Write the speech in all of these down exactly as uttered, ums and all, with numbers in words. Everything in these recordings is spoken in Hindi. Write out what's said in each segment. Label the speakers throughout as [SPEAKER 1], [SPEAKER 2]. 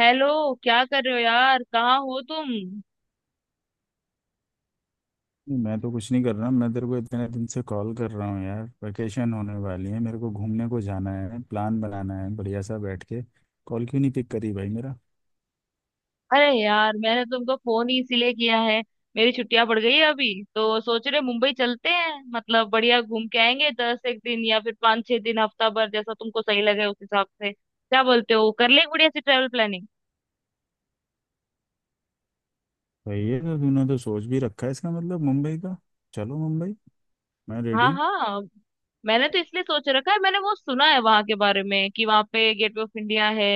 [SPEAKER 1] हेलो। क्या कर रहे हो यार? कहाँ हो तुम?
[SPEAKER 2] नहीं, मैं तो कुछ नहीं कर रहा। मैं तेरे को इतने दिन से कॉल कर रहा हूँ यार। वैकेशन होने वाली है, मेरे को घूमने को जाना है, प्लान बनाना है बढ़िया सा बैठ के। कॉल क्यों नहीं पिक करी भाई मेरा?
[SPEAKER 1] अरे यार, मैंने तुमको फोन ही इसीलिए किया है। मेरी छुट्टियां पड़ गई है अभी। तो सोच रहे मुंबई चलते हैं, मतलब बढ़िया घूम के आएंगे दस एक दिन या फिर पाँच छह दिन, हफ्ता भर, जैसा तुमको सही लगे उस हिसाब से। क्या बोलते हो? कर ले बढ़िया सी ट्रेवल प्लानिंग।
[SPEAKER 2] भाई, ये तो तूने तो सोच भी रखा है, इसका मतलब मुंबई का। चलो मुंबई। मैं रेडी
[SPEAKER 1] हाँ
[SPEAKER 2] हूँ।
[SPEAKER 1] हाँ, मैंने तो इसलिए सोच रखा है। मैंने वो सुना है वहां के बारे में कि वहां पे गेटवे ऑफ इंडिया है।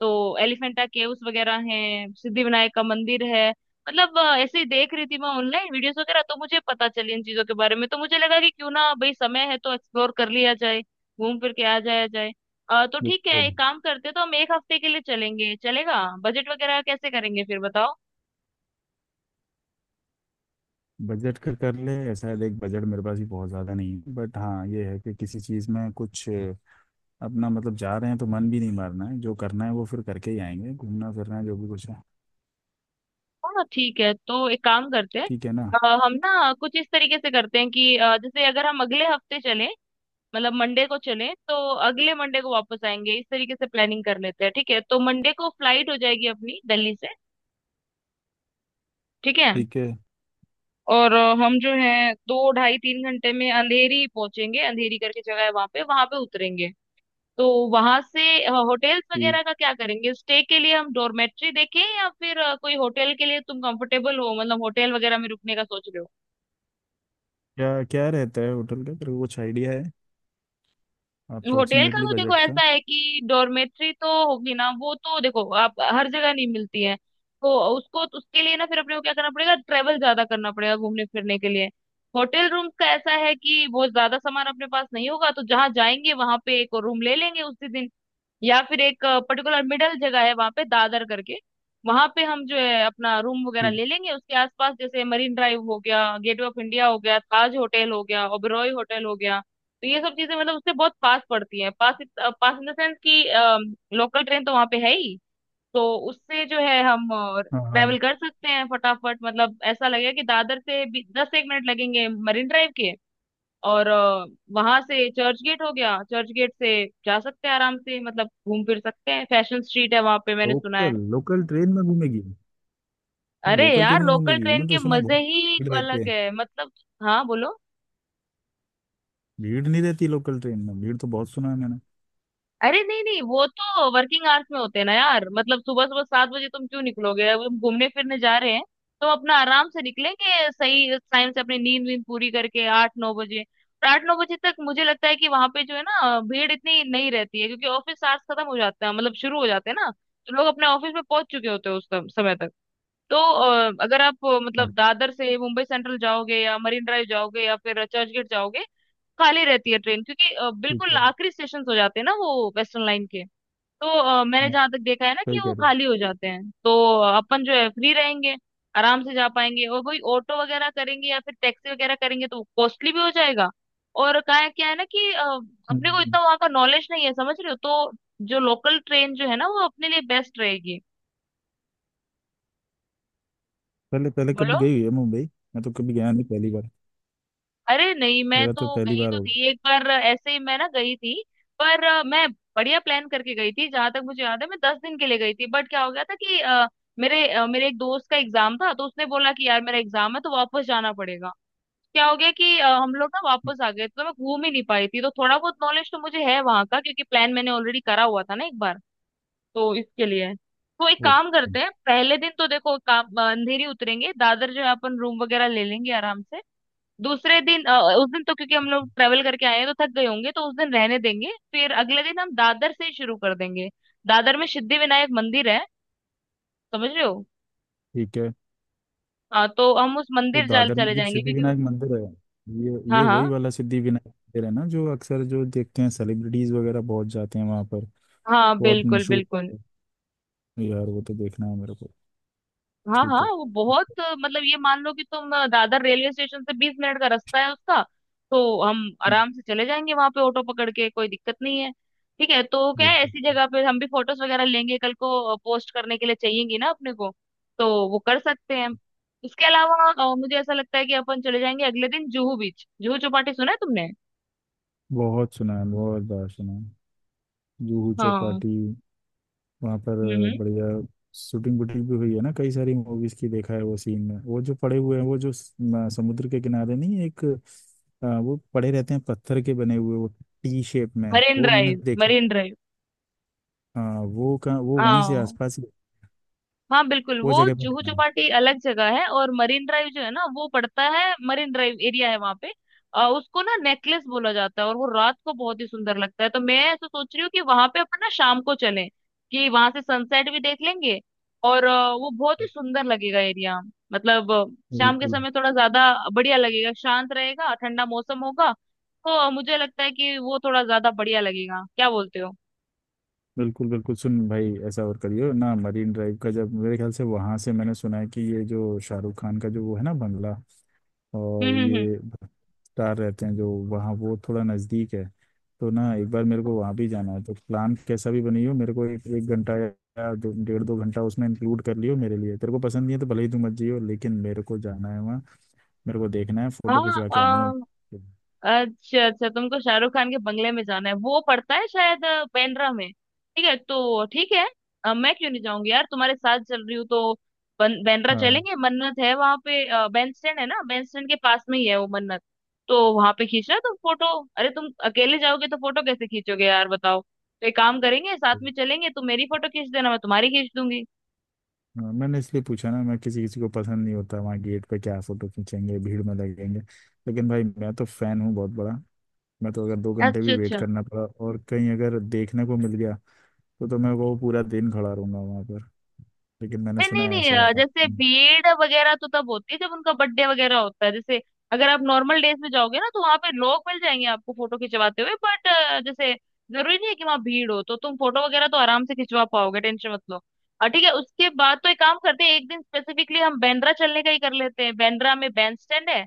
[SPEAKER 1] तो एलिफेंटा केव्स वगैरह हैं, सिद्धिविनायक का मंदिर है। मतलब अ, ऐसे ही देख रही थी मैं ऑनलाइन वीडियोस वगैरह, तो मुझे पता चली इन चीजों के बारे में। तो मुझे लगा कि क्यों ना भाई, समय है तो एक्सप्लोर कर लिया जाए। घूम फिर के आ जाया जाए। अ, तो ठीक है,
[SPEAKER 2] बिल्कुल।
[SPEAKER 1] एक काम करते हैं, तो हम एक हफ्ते के लिए चलेंगे। चलेगा? बजट वगैरह कैसे करेंगे फिर बताओ।
[SPEAKER 2] बजट का कर ले। शायद एक बजट मेरे पास भी बहुत ज़्यादा नहीं है, बट हाँ ये है कि किसी चीज़ में कुछ अपना, मतलब जा रहे हैं तो मन भी नहीं मारना है, जो करना है वो फिर करके ही आएंगे, घूमना फिरना जो भी कुछ है।
[SPEAKER 1] हाँ हाँ, ठीक है, तो एक काम करते हैं।
[SPEAKER 2] ठीक है ना?
[SPEAKER 1] अ, हम ना कुछ इस तरीके से करते हैं कि अ, जैसे अगर हम अगले हफ्ते चलें, मतलब मंडे को चलें तो अगले मंडे को वापस आएंगे। इस तरीके से प्लानिंग कर लेते हैं, ठीक है? तो मंडे को फ्लाइट हो जाएगी अपनी दिल्ली से। ठीक है।
[SPEAKER 2] ठीक
[SPEAKER 1] और अ, हम जो है दो ढाई तीन घंटे में अंधेरी पहुंचेंगे। अंधेरी करके जगह है वहां पे वहां पे उतरेंगे। तो वहां से होटल्स
[SPEAKER 2] है।
[SPEAKER 1] वगैरह का क्या करेंगे? स्टे के लिए हम डॉर्मेट्री देखें या फिर अ, कोई होटल के लिए तुम कंफर्टेबल हो, मतलब होटल वगैरह में रुकने का सोच रहे हो?
[SPEAKER 2] क्या क्या रहता है होटल का, तेरे को कुछ आइडिया है
[SPEAKER 1] होटल का
[SPEAKER 2] अप्रोक्सीमेटली
[SPEAKER 1] तो देखो
[SPEAKER 2] बजट का?
[SPEAKER 1] ऐसा है कि डॉर्मेट्री तो होगी ना, वो तो देखो आप हर जगह नहीं मिलती है। तो उसको तो, उसके लिए ना फिर अपने को क्या करना पड़ेगा, ट्रेवल ज्यादा करना पड़ेगा घूमने फिरने के लिए। होटल रूम का ऐसा है कि बहुत ज्यादा सामान अपने पास नहीं होगा तो जहाँ जाएंगे वहां पे एक और रूम ले लेंगे उसी दिन। या फिर एक पर्टिकुलर मिडल जगह है वहां पे, दादर करके। वहां पे हम जो है अपना रूम वगैरह
[SPEAKER 2] ठीक।
[SPEAKER 1] ले लेंगे, उसके आसपास जैसे मरीन ड्राइव हो गया, गेटवे ऑफ इंडिया हो गया, ताज होटल हो गया, ओबेरॉय होटल हो गया। तो ये सब चीजें मतलब उससे बहुत पास पड़ती हैं, पास पास इन द सेंस कि लोकल ट्रेन तो वहां पे है ही। तो उससे जो है हम
[SPEAKER 2] हाँ
[SPEAKER 1] ट्रेवल
[SPEAKER 2] हाँ।
[SPEAKER 1] कर सकते हैं फटाफट। मतलब ऐसा लगेगा कि दादर से भी दस एक मिनट लगेंगे मरीन ड्राइव के। और वहां से चर्च गेट हो गया, चर्च गेट से जा सकते हैं आराम से, मतलब घूम फिर सकते हैं। फैशन स्ट्रीट है वहां पे, मैंने सुना है।
[SPEAKER 2] लोकल लोकल ट्रेन में घूमेगी मैं,
[SPEAKER 1] अरे
[SPEAKER 2] लोकल ट्रेन
[SPEAKER 1] यार,
[SPEAKER 2] में,
[SPEAKER 1] लोकल
[SPEAKER 2] घूमेगी
[SPEAKER 1] ट्रेन
[SPEAKER 2] मैं
[SPEAKER 1] के
[SPEAKER 2] तो सुना है
[SPEAKER 1] मजे
[SPEAKER 2] बहुत।
[SPEAKER 1] ही
[SPEAKER 2] भीड़ रहती
[SPEAKER 1] अलग
[SPEAKER 2] है?
[SPEAKER 1] है मतलब। हाँ बोलो।
[SPEAKER 2] भीड़ नहीं रहती लोकल ट्रेन में? भीड़ तो बहुत सुना है मैंने।
[SPEAKER 1] अरे नहीं नहीं, वो तो वर्किंग आवर्स में होते हैं ना यार। मतलब सुबह सुबह सात बजे तुम क्यों निकलोगे? अब हम घूमने फिरने जा रहे हैं। तो अपना आराम से निकलेंगे सही टाइम से, अपनी नींद वींद पूरी करके, आठ नौ बजे। और आठ नौ बजे तक मुझे लगता है कि वहां पे जो है ना, भीड़ इतनी नहीं रहती है, क्योंकि ऑफिस आवर्स खत्म हो जाते हैं, मतलब शुरू हो जाते हैं ना। तो लोग अपने ऑफिस में पहुंच चुके होते हैं उस सम- समय तक। तो अ, अगर आप अ, मतलब
[SPEAKER 2] और
[SPEAKER 1] दादर से मुंबई सेंट्रल जाओगे या मरीन ड्राइव जाओगे या फिर चर्चगेट जाओगे, खाली रहती है ट्रेन, क्योंकि अ,
[SPEAKER 2] ठीक
[SPEAKER 1] बिल्कुल
[SPEAKER 2] है।
[SPEAKER 1] आखिरी स्टेशन हो जाते हैं ना वो वेस्टर्न लाइन के। तो अ, मैंने
[SPEAKER 2] हाँ,
[SPEAKER 1] जहां तक देखा है ना,
[SPEAKER 2] सही
[SPEAKER 1] कि
[SPEAKER 2] कह
[SPEAKER 1] वो
[SPEAKER 2] रहे हो।
[SPEAKER 1] खाली हो जाते हैं। तो अ, अपन जो है फ्री रहेंगे, आराम से जा पाएंगे, और वही ऑटो वगैरह करेंगे या फिर टैक्सी वगैरह करेंगे तो कॉस्टली भी हो जाएगा। और का है, क्या है ना कि अ, अपने को
[SPEAKER 2] हम्म।
[SPEAKER 1] इतना वहां का नॉलेज नहीं है, समझ रहे हो? तो जो लोकल ट्रेन जो है ना, वो अपने लिए बेस्ट रहेगी।
[SPEAKER 2] पहले पहले
[SPEAKER 1] बोलो।
[SPEAKER 2] कभी गई हुई है मुंबई? मैं तो कभी गया नहीं, पहली बार।
[SPEAKER 1] अरे नहीं, मैं
[SPEAKER 2] मेरा तो
[SPEAKER 1] तो
[SPEAKER 2] पहली
[SPEAKER 1] गई
[SPEAKER 2] बार
[SPEAKER 1] तो
[SPEAKER 2] होगा।
[SPEAKER 1] थी एक बार, ऐसे ही मैं ना गई थी। पर अ, मैं बढ़िया प्लान करके गई थी। जहां तक मुझे याद है, मैं दस दिन के लिए गई थी। बट क्या हो गया था कि अ, मेरे अ, मेरे एक दोस्त का एग्जाम था, तो उसने बोला कि यार मेरा एग्जाम है तो वापस जाना पड़ेगा। क्या हो गया कि अ, हम लोग ना वापस आ गए, तो मैं घूम ही नहीं पाई थी। तो थोड़ा बहुत नॉलेज तो मुझे है वहां का, क्योंकि प्लान मैंने ऑलरेडी करा हुआ था ना, एक बार। तो इसके लिए, तो एक काम
[SPEAKER 2] ओके
[SPEAKER 1] करते हैं, पहले दिन तो देखो काम अ, अंधेरी उतरेंगे, दादर जो है अपन रूम वगैरह ले लेंगे आराम से। दूसरे दिन, अ, उस दिन तो क्योंकि हम लोग ट्रेवल करके आए हैं तो थक गए होंगे, तो उस दिन रहने देंगे। फिर अगले दिन हम दादर से ही शुरू कर देंगे। दादर में सिद्धि विनायक मंदिर है, समझ रहे हो?
[SPEAKER 2] ठीक है।
[SPEAKER 1] हाँ, तो हम उस
[SPEAKER 2] तो
[SPEAKER 1] मंदिर जाल
[SPEAKER 2] दादर में
[SPEAKER 1] चले
[SPEAKER 2] जो
[SPEAKER 1] जाएंगे, क्योंकि
[SPEAKER 2] सिद्धिविनायक मंदिर है, ये
[SPEAKER 1] हाँ
[SPEAKER 2] ये वही
[SPEAKER 1] हाँ,
[SPEAKER 2] वाला सिद्धिविनायक मंदिर है ना जो अक्सर जो देखते हैं सेलिब्रिटीज वगैरह बहुत जाते हैं वहाँ पर?
[SPEAKER 1] हाँ
[SPEAKER 2] बहुत
[SPEAKER 1] बिल्कुल
[SPEAKER 2] मशहूर
[SPEAKER 1] बिल्कुल।
[SPEAKER 2] है। यार वो तो देखना है मेरे को।
[SPEAKER 1] हाँ
[SPEAKER 2] ठीक
[SPEAKER 1] हाँ,
[SPEAKER 2] है।
[SPEAKER 1] वो बहुत अ, मतलब ये मान लो कि तुम अ, दादर रेलवे स्टेशन से बीस मिनट का रास्ता है उसका। तो हम
[SPEAKER 2] हम्म।
[SPEAKER 1] आराम से चले जाएंगे वहां पे ऑटो पकड़ के, कोई दिक्कत नहीं है। ठीक है, तो क्या है,
[SPEAKER 2] बिल्कुल।
[SPEAKER 1] ऐसी जगह पे हम भी फोटोज वगैरह लेंगे, कल को पोस्ट करने के लिए चाहिएगी ना अपने को। तो वो कर सकते हैं। इसके अलावा अ, मुझे ऐसा लगता है कि अपन चले जाएंगे अगले दिन जुहू बीच। जुहू चौपाटी सुना है तुमने?
[SPEAKER 2] बहुत सुना है, बहुत बार सुना है। जूहू
[SPEAKER 1] हाँ।
[SPEAKER 2] चौपाटी वहाँ पर।
[SPEAKER 1] हम्म, हम्म।
[SPEAKER 2] बढ़िया। शूटिंग वूटिंग भी हुई है ना कई सारी मूवीज की, देखा है वो सीन में, वो जो पड़े हुए हैं, वो जो स- म- समुद्र के किनारे, नहीं एक आ, वो पड़े रहते हैं पत्थर के बने हुए, वो टी शेप में।
[SPEAKER 1] मरीन
[SPEAKER 2] वो मैंने
[SPEAKER 1] ड्राइव,
[SPEAKER 2] देखी।
[SPEAKER 1] Marine drive.
[SPEAKER 2] हाँ, वो का वो वहीं से
[SPEAKER 1] हाँ
[SPEAKER 2] आसपास।
[SPEAKER 1] हाँ बिल्कुल,
[SPEAKER 2] वो
[SPEAKER 1] वो
[SPEAKER 2] जगह पे
[SPEAKER 1] जुहू
[SPEAKER 2] रहना है।
[SPEAKER 1] चौपाटी अलग जगह है, और मरीन ड्राइव जो है ना वो पड़ता है, मरीन ड्राइव एरिया है वहां पे। अ, उसको ना नेकलेस बोला जाता है, और वो रात को बहुत ही सुंदर लगता है। तो मैं ऐसा सोच रही हूँ कि वहां पे अपन ना शाम को चलें, कि वहां से सनसेट भी देख लेंगे। और अ, वो बहुत ही सुंदर लगेगा एरिया। मतलब अ, शाम के
[SPEAKER 2] बिल्कुल।
[SPEAKER 1] समय थोड़ा ज्यादा बढ़िया लगेगा, शांत रहेगा, ठंडा मौसम होगा। तो मुझे लगता है कि वो थोड़ा ज्यादा बढ़िया लगेगा। क्या बोलते हो?
[SPEAKER 2] बिल्कुल बिल्कुल सुन भाई, ऐसा और करियो ना, मरीन ड्राइव का जब मेरे ख्याल से, वहां से मैंने सुना है कि ये जो शाहरुख खान का जो वो है ना बंगला, और
[SPEAKER 1] हम्म, हम्म, हम्म।
[SPEAKER 2] ये भट्टार रहते हैं जो वहाँ, वो थोड़ा नजदीक है। तो ना एक बार मेरे को वहां भी जाना है, तो प्लान कैसा भी बनी हो मेरे को एक एक घंटा या दो डेढ़ दो घंटा उसमें इंक्लूड कर लियो मेरे लिए। तेरे को पसंद नहीं है तो भले ही तू मत जियो, लेकिन मेरे को जाना है वहाँ। मेरे को देखना है, फोटो खिंचवा के आनी है।
[SPEAKER 1] हाँ। अच्छा अच्छा, तुमको शाहरुख खान के बंगले में जाना है। वो पड़ता है शायद अ, बांद्रा में। ठीक है, तो ठीक है। अ, मैं क्यों नहीं जाऊंगी यार, तुम्हारे साथ चल रही हूँ तो। बन- बांद्रा
[SPEAKER 2] हाँ
[SPEAKER 1] चलेंगे, मन्नत है वहां पे। अ, बैंड स्टैंड है ना, बैंड स्टैंड के पास में ही है वो मन्नत। तो वहां पे खींचना तुम फोटो। अरे तुम अकेले जाओगे तो फोटो कैसे खींचोगे यार, बताओ। तो एक काम करेंगे, साथ में चलेंगे, तुम मेरी फोटो खींच देना, मैं तुम्हारी खींच दूंगी।
[SPEAKER 2] हाँ, मैंने इसलिए पूछा ना। मैं किसी किसी को पसंद नहीं होता वहाँ, गेट पे क्या फोटो खींचेंगे भीड़ में लगेंगे। लेकिन भाई मैं तो फैन हूँ बहुत बड़ा। मैं तो अगर दो घंटे
[SPEAKER 1] अच्छा
[SPEAKER 2] भी वेट
[SPEAKER 1] अच्छा।
[SPEAKER 2] करना पड़ा और कहीं अगर देखने को मिल गया, तो तो मैं वो पूरा दिन खड़ा रहूंगा वहाँ पर। लेकिन मैंने
[SPEAKER 1] नहीं
[SPEAKER 2] सुना
[SPEAKER 1] नहीं
[SPEAKER 2] है
[SPEAKER 1] नहीं,
[SPEAKER 2] ऐसा।
[SPEAKER 1] अ, जैसे
[SPEAKER 2] हम्म।
[SPEAKER 1] भीड़ वगैरह तो तब होती है जब उनका बर्थडे वगैरह होता है। जैसे अगर आप नॉर्मल डेज में जाओगे ना, तो वहां पे लोग मिल जाएंगे आपको फोटो खिंचवाते हुए। बट जैसे, जरूरी नहीं है कि वहां भीड़ हो। तो तुम फोटो वगैरह तो आराम से खिंचवा पाओगे, टेंशन मत लो। अ, ठीक है, उसके बाद तो एक काम करते हैं, एक दिन स्पेसिफिकली हम बांद्रा चलने का ही कर लेते हैं। बांद्रा में बैंड स्टैंड है,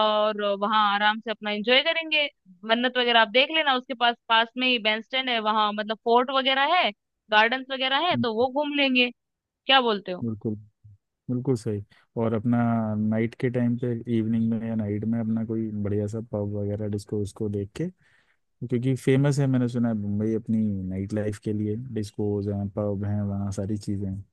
[SPEAKER 1] और वहां आराम से अपना एंजॉय करेंगे। मन्नत वगैरह आप देख लेना, उसके पास पास में ही बैंड स्टैंड है वहां, मतलब फोर्ट वगैरह है, गार्डन्स वगैरह है, तो वो घूम लेंगे। क्या बोलते हो?
[SPEAKER 2] बिल्कुल बिल्कुल सही। और अपना नाइट के टाइम पे, इवनिंग में या नाइट में, अपना कोई बढ़िया सा पब वगैरह डिस्को उसको देख के, क्योंकि फेमस है, मैंने सुना है मुंबई अपनी नाइट लाइफ के लिए, डिस्कोज हैं, पब हैं, वहाँ सारी चीज़ें हैं।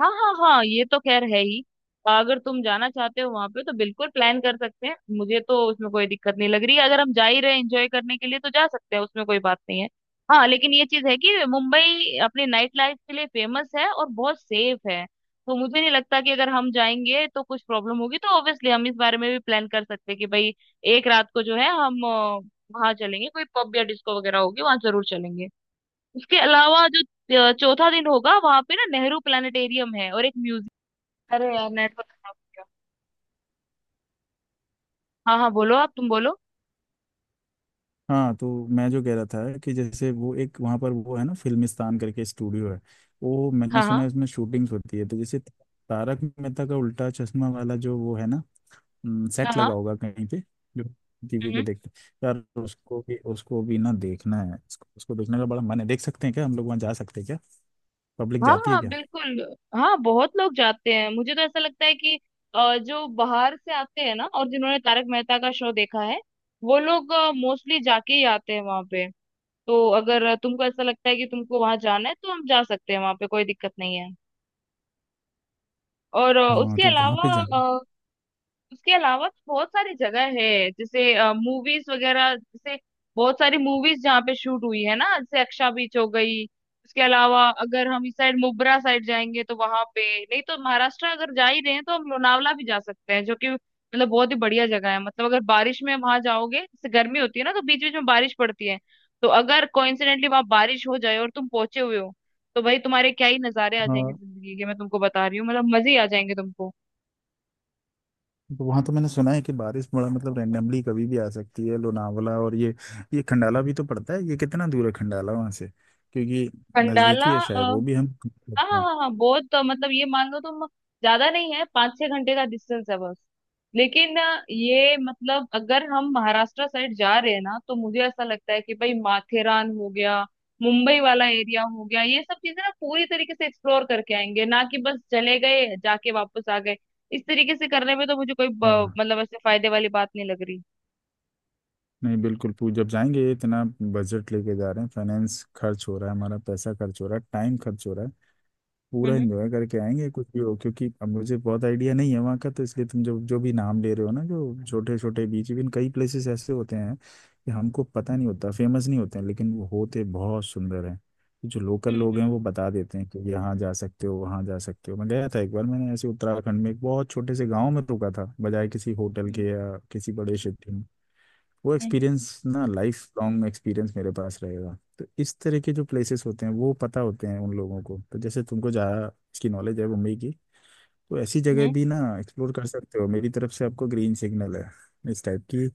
[SPEAKER 1] हाँ हाँ हाँ, ये तो खैर है ही। अगर तुम जाना चाहते हो वहां पे तो बिल्कुल प्लान कर सकते हैं। मुझे तो उसमें कोई दिक्कत नहीं लग रही। अगर हम जा ही रहे एंजॉय करने के लिए तो जा सकते हैं, उसमें कोई बात नहीं है। हाँ लेकिन ये चीज है कि मुंबई अपनी नाइट लाइफ के लिए फेमस है और बहुत सेफ है। तो मुझे नहीं लगता कि अगर हम जाएंगे तो कुछ प्रॉब्लम होगी। तो ऑब्वियसली हम इस बारे में भी प्लान कर सकते हैं कि भाई, एक रात को जो है हम अ, वहाँ चलेंगे। कोई पब या डिस्को वगैरह होगी, वहां जरूर चलेंगे। उसके अलावा जो अ, चौथा दिन होगा, वहां पे ना नेहरू प्लानिटेरियम है और एक म्यूजियम। अरे यार, नेटवर्क खराब हो गया। हाँ हाँ, बोलो आप, तुम बोलो।
[SPEAKER 2] हाँ, तो मैं जो कह रहा था कि जैसे वो एक वहाँ पर वो है ना, फिल्मिस्तान करके स्टूडियो है, वो मैंने
[SPEAKER 1] हाँ
[SPEAKER 2] सुना
[SPEAKER 1] हाँ
[SPEAKER 2] है उसमें शूटिंग्स होती है, तो जैसे तारक मेहता का उल्टा चश्मा वाला जो वो है ना,
[SPEAKER 1] हाँ
[SPEAKER 2] सेट लगा
[SPEAKER 1] हाँ।
[SPEAKER 2] होगा कहीं पे, जो टीवी पे
[SPEAKER 1] हम्म।
[SPEAKER 2] देखते हैं यार। उसको भी, उसको भी ना देखना है। उसको, उसको देखने का बड़ा मन है। देख सकते हैं क्या, हम लोग वहाँ जा सकते हैं क्या? पब्लिक
[SPEAKER 1] हाँ
[SPEAKER 2] जाती है
[SPEAKER 1] हाँ
[SPEAKER 2] क्या?
[SPEAKER 1] बिल्कुल। हाँ बहुत लोग जाते हैं। मुझे तो ऐसा लगता है कि अ, जो बाहर से आते हैं ना और जिन्होंने तारक मेहता का शो देखा है, वो लोग मोस्टली जाके ही आते हैं वहां पे। तो अगर तुमको ऐसा लगता है कि तुमको वहां जाना है, तो हम जा सकते हैं वहां पे, कोई दिक्कत नहीं है। और अ,
[SPEAKER 2] हाँ,
[SPEAKER 1] उसके
[SPEAKER 2] तो वहाँ पे
[SPEAKER 1] अलावा
[SPEAKER 2] जाना।
[SPEAKER 1] उसके अलावा तो बहुत सारी जगह है, जैसे मूवीज वगैरह, जैसे बहुत सारी मूवीज जहाँ पे शूट हुई है ना, जैसे अक्षा बीच हो गई। उसके अलावा अगर हम इस साइड मुब्रा साइड जाएंगे तो वहां पे, नहीं तो महाराष्ट्र अगर जा ही रहे हैं तो हम लोनावला भी जा सकते हैं, जो कि मतलब बहुत ही बढ़िया जगह है। मतलब अगर बारिश में वहां जाओगे, जैसे गर्मी होती है ना तो बीच बीच में बारिश पड़ती है। तो अगर कोइंसिडेंटली वहां बारिश हो जाए और तुम पहुंचे हुए हो, तो भाई तुम्हारे क्या ही नजारे आ जाएंगे
[SPEAKER 2] हाँ,
[SPEAKER 1] जिंदगी के, मैं तुमको बता रही हूँ, मतलब मजे ही आ जाएंगे तुमको।
[SPEAKER 2] तो वहां तो मैंने सुना है कि बारिश बड़ा मतलब रैंडमली कभी भी आ सकती है लोनावला। और ये ये खंडाला भी तो पड़ता है, ये कितना दूर है खंडाला वहां से? क्योंकि
[SPEAKER 1] खंडाला।
[SPEAKER 2] नजदीकी है शायद,
[SPEAKER 1] हाँ
[SPEAKER 2] वो भी हम
[SPEAKER 1] हाँ
[SPEAKER 2] सकते हैं।
[SPEAKER 1] हाँ हाँ, बहुत, तो मतलब ये मान लो तुम, ज्यादा नहीं है, पाँच छह घंटे का डिस्टेंस है बस। लेकिन अ, ये मतलब अगर हम महाराष्ट्र साइड जा रहे हैं ना, तो मुझे ऐसा लगता है कि भाई, माथेरान हो गया, मुंबई वाला एरिया हो गया, ये सब चीजें ना पूरी तरीके से एक्सप्लोर करके आएंगे, ना कि बस चले गए जाके वापस आ गए। इस तरीके से करने में तो मुझे कोई ब-
[SPEAKER 2] हाँ।
[SPEAKER 1] मतलब ऐसे फायदे वाली बात नहीं लग रही।
[SPEAKER 2] नहीं, बिल्कुल पू जब जाएंगे इतना बजट लेके जा रहे हैं, फाइनेंस खर्च हो रहा है, हमारा पैसा खर्च हो रहा है, टाइम खर्च हो रहा है, पूरा
[SPEAKER 1] हम्म,
[SPEAKER 2] एंजॉय करके आएंगे कुछ भी हो। क्योंकि अब मुझे बहुत आइडिया नहीं है वहाँ का, तो इसलिए तुम जो जो भी नाम ले रहे हो ना, जो छोटे छोटे बीच, इवन कई प्लेसेस ऐसे होते हैं कि हमको पता नहीं होता, फेमस नहीं होते हैं लेकिन वो होते बहुत सुंदर हैं। तो जो लोकल लोग
[SPEAKER 1] हम्म,
[SPEAKER 2] हैं वो बता देते हैं कि यहाँ जा सकते हो, वहाँ जा सकते हो। मैं गया था एक बार, मैंने ऐसे उत्तराखंड में एक बहुत छोटे से गाँव में रुका था, बजाय किसी होटल
[SPEAKER 1] हम्म,
[SPEAKER 2] के या किसी बड़े सिटी में। वो
[SPEAKER 1] हम्म,
[SPEAKER 2] एक्सपीरियंस ना लाइफ लॉन्ग एक्सपीरियंस मेरे पास रहेगा। तो इस तरह के जो प्लेसेस होते हैं वो पता होते हैं उन लोगों को, तो जैसे तुमको जहाँ इसकी नॉलेज है मुंबई की, तो ऐसी
[SPEAKER 1] हम्म,
[SPEAKER 2] जगह
[SPEAKER 1] हम्म।
[SPEAKER 2] भी ना एक्सप्लोर कर सकते हो। मेरी तरफ से आपको ग्रीन सिग्नल है, इस टाइप की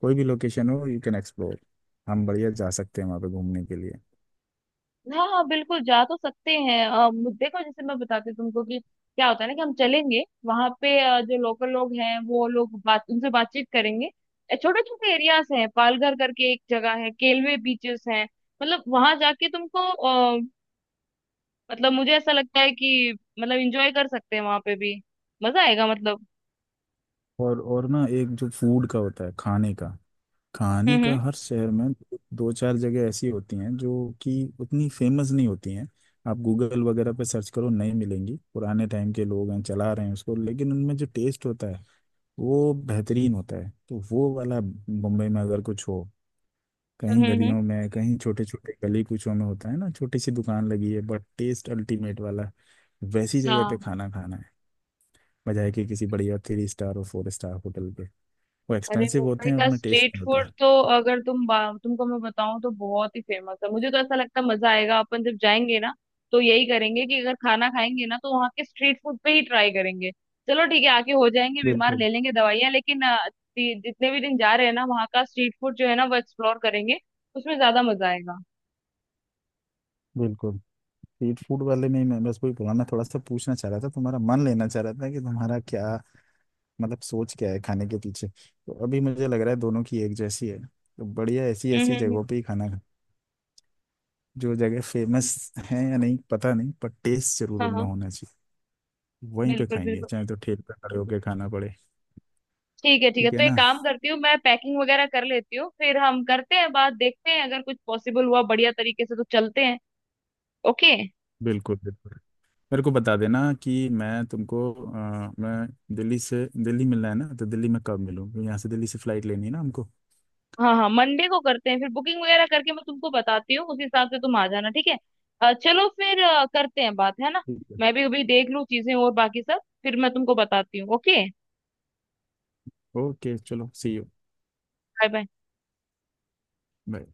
[SPEAKER 2] कोई भी लोकेशन हो, यू कैन एक्सप्लोर। हम बढ़िया जा सकते हैं वहाँ पे घूमने के लिए।
[SPEAKER 1] हाँ हाँ बिल्कुल, जा तो सकते हैं। अ, मु- देखो जैसे मैं बताती हूँ तुमको कि क्या होता है ना, कि हम चलेंगे वहां पे, अ, जो लोकल लोग हैं वो लोग बात उनसे बातचीत करेंगे। छोटे छोटे एरियाज हैं, पालघर करके एक जगह है, केलवे बीचेस हैं। मतलब वहां जाके तुमको अ, मतलब मुझे ऐसा लगता है कि मतलब इंजॉय कर सकते हैं वहां पे भी। मजा आएगा मतलब।
[SPEAKER 2] और और ना, एक जो फूड का होता है, खाने का, कहानी
[SPEAKER 1] हम्म,
[SPEAKER 2] का,
[SPEAKER 1] हम्म,
[SPEAKER 2] हर शहर में दो चार जगह ऐसी होती हैं जो कि उतनी फेमस नहीं होती हैं। आप गूगल वगैरह पे सर्च करो नहीं मिलेंगी, पुराने टाइम के लोग हैं चला रहे हैं उसको, लेकिन उनमें जो टेस्ट होता है वो बेहतरीन होता है। तो वो वाला मुंबई में अगर कुछ हो
[SPEAKER 1] हम्म,
[SPEAKER 2] कहीं
[SPEAKER 1] हम्म।
[SPEAKER 2] गलियों में, कहीं छोटे छोटे गली कूचों में होता है ना, छोटी सी दुकान लगी है बट टेस्ट अल्टीमेट वाला। वैसी जगह पे
[SPEAKER 1] हाँ।
[SPEAKER 2] खाना खाना है, बजाय कि किसी बढ़िया थ्री स्टार और फोर स्टार होटल पे। वो
[SPEAKER 1] अरे,
[SPEAKER 2] एक्सपेंसिव होते
[SPEAKER 1] मुंबई
[SPEAKER 2] हैं,
[SPEAKER 1] का
[SPEAKER 2] उसमें टेस्ट
[SPEAKER 1] स्ट्रीट
[SPEAKER 2] नहीं
[SPEAKER 1] फूड
[SPEAKER 2] होता।
[SPEAKER 1] तो, अगर तुम बा- तुमको मैं बताऊं तो बहुत ही फेमस है। मुझे तो ऐसा लगता है मजा आएगा अपन जब जाएंगे ना। तो यही करेंगे कि अगर खाना खाएंगे ना, तो वहाँ के स्ट्रीट फूड पे ही ट्राई करेंगे। चलो ठीक है, आके हो जाएंगे बीमार,
[SPEAKER 2] बिल्कुल
[SPEAKER 1] ले लेंगे दवाइयाँ, लेकिन अ, जि- जितने भी दिन जा रहे हैं ना, वहाँ का स्ट्रीट फूड जो है ना, वो एक्सप्लोर करेंगे। उसमें ज्यादा मजा आएगा।
[SPEAKER 2] बिल्कुल। स्ट्रीट फूड वाले में ही, मैं बस वही पुराना थोड़ा सा पूछना चाह रहा था, तुम्हारा मन लेना चाह रहा था कि तुम्हारा क्या मतलब सोच क्या है खाने के पीछे। तो अभी मुझे लग रहा है दोनों की एक जैसी है, तो बढ़िया ऐसी
[SPEAKER 1] हम्म,
[SPEAKER 2] ऐसी
[SPEAKER 1] हम्म, हम्म।
[SPEAKER 2] जगहों पे ही खाना खा- जो जगह फेमस है या नहीं पता नहीं, पर टेस्ट जरूर
[SPEAKER 1] हाँ
[SPEAKER 2] उनमें
[SPEAKER 1] हाँ
[SPEAKER 2] होना चाहिए। वहीं पे
[SPEAKER 1] बिल्कुल
[SPEAKER 2] खाएंगे,
[SPEAKER 1] बिल्कुल।
[SPEAKER 2] चाहे तो ठेल पे खड़े होके खाना पड़े।
[SPEAKER 1] ठीक है ठीक है,
[SPEAKER 2] ठीक है
[SPEAKER 1] तो एक
[SPEAKER 2] ना?
[SPEAKER 1] काम करती हूँ, मैं पैकिंग वगैरह कर लेती हूँ, फिर हम करते हैं बात। देखते हैं अगर कुछ पॉसिबल हुआ बढ़िया तरीके से तो चलते हैं। ओके।
[SPEAKER 2] बिल्कुल बिल्कुल। मेरे को बता देना कि मैं तुमको, अ, मैं दिल्ली से, दिल्ली मिलना है ना, तो दिल्ली में कब मिलूँ? यहाँ से, दिल्ली से फ्लाइट लेनी है ना हमको।
[SPEAKER 1] हाँ हाँ, मंडे को करते हैं फिर बुकिंग वगैरह करके, मैं तुमको बताती हूँ उस हिसाब से तुम आ जाना, ठीक है? अ, चलो फिर, अ, करते हैं बात, है ना?
[SPEAKER 2] ठीक है।
[SPEAKER 1] मैं भी अभी देख लूँ चीजें और बाकी सब, फिर मैं तुमको बताती हूँ, ओके।
[SPEAKER 2] ओके चलो, see you.
[SPEAKER 1] Bye bye.
[SPEAKER 2] Bye.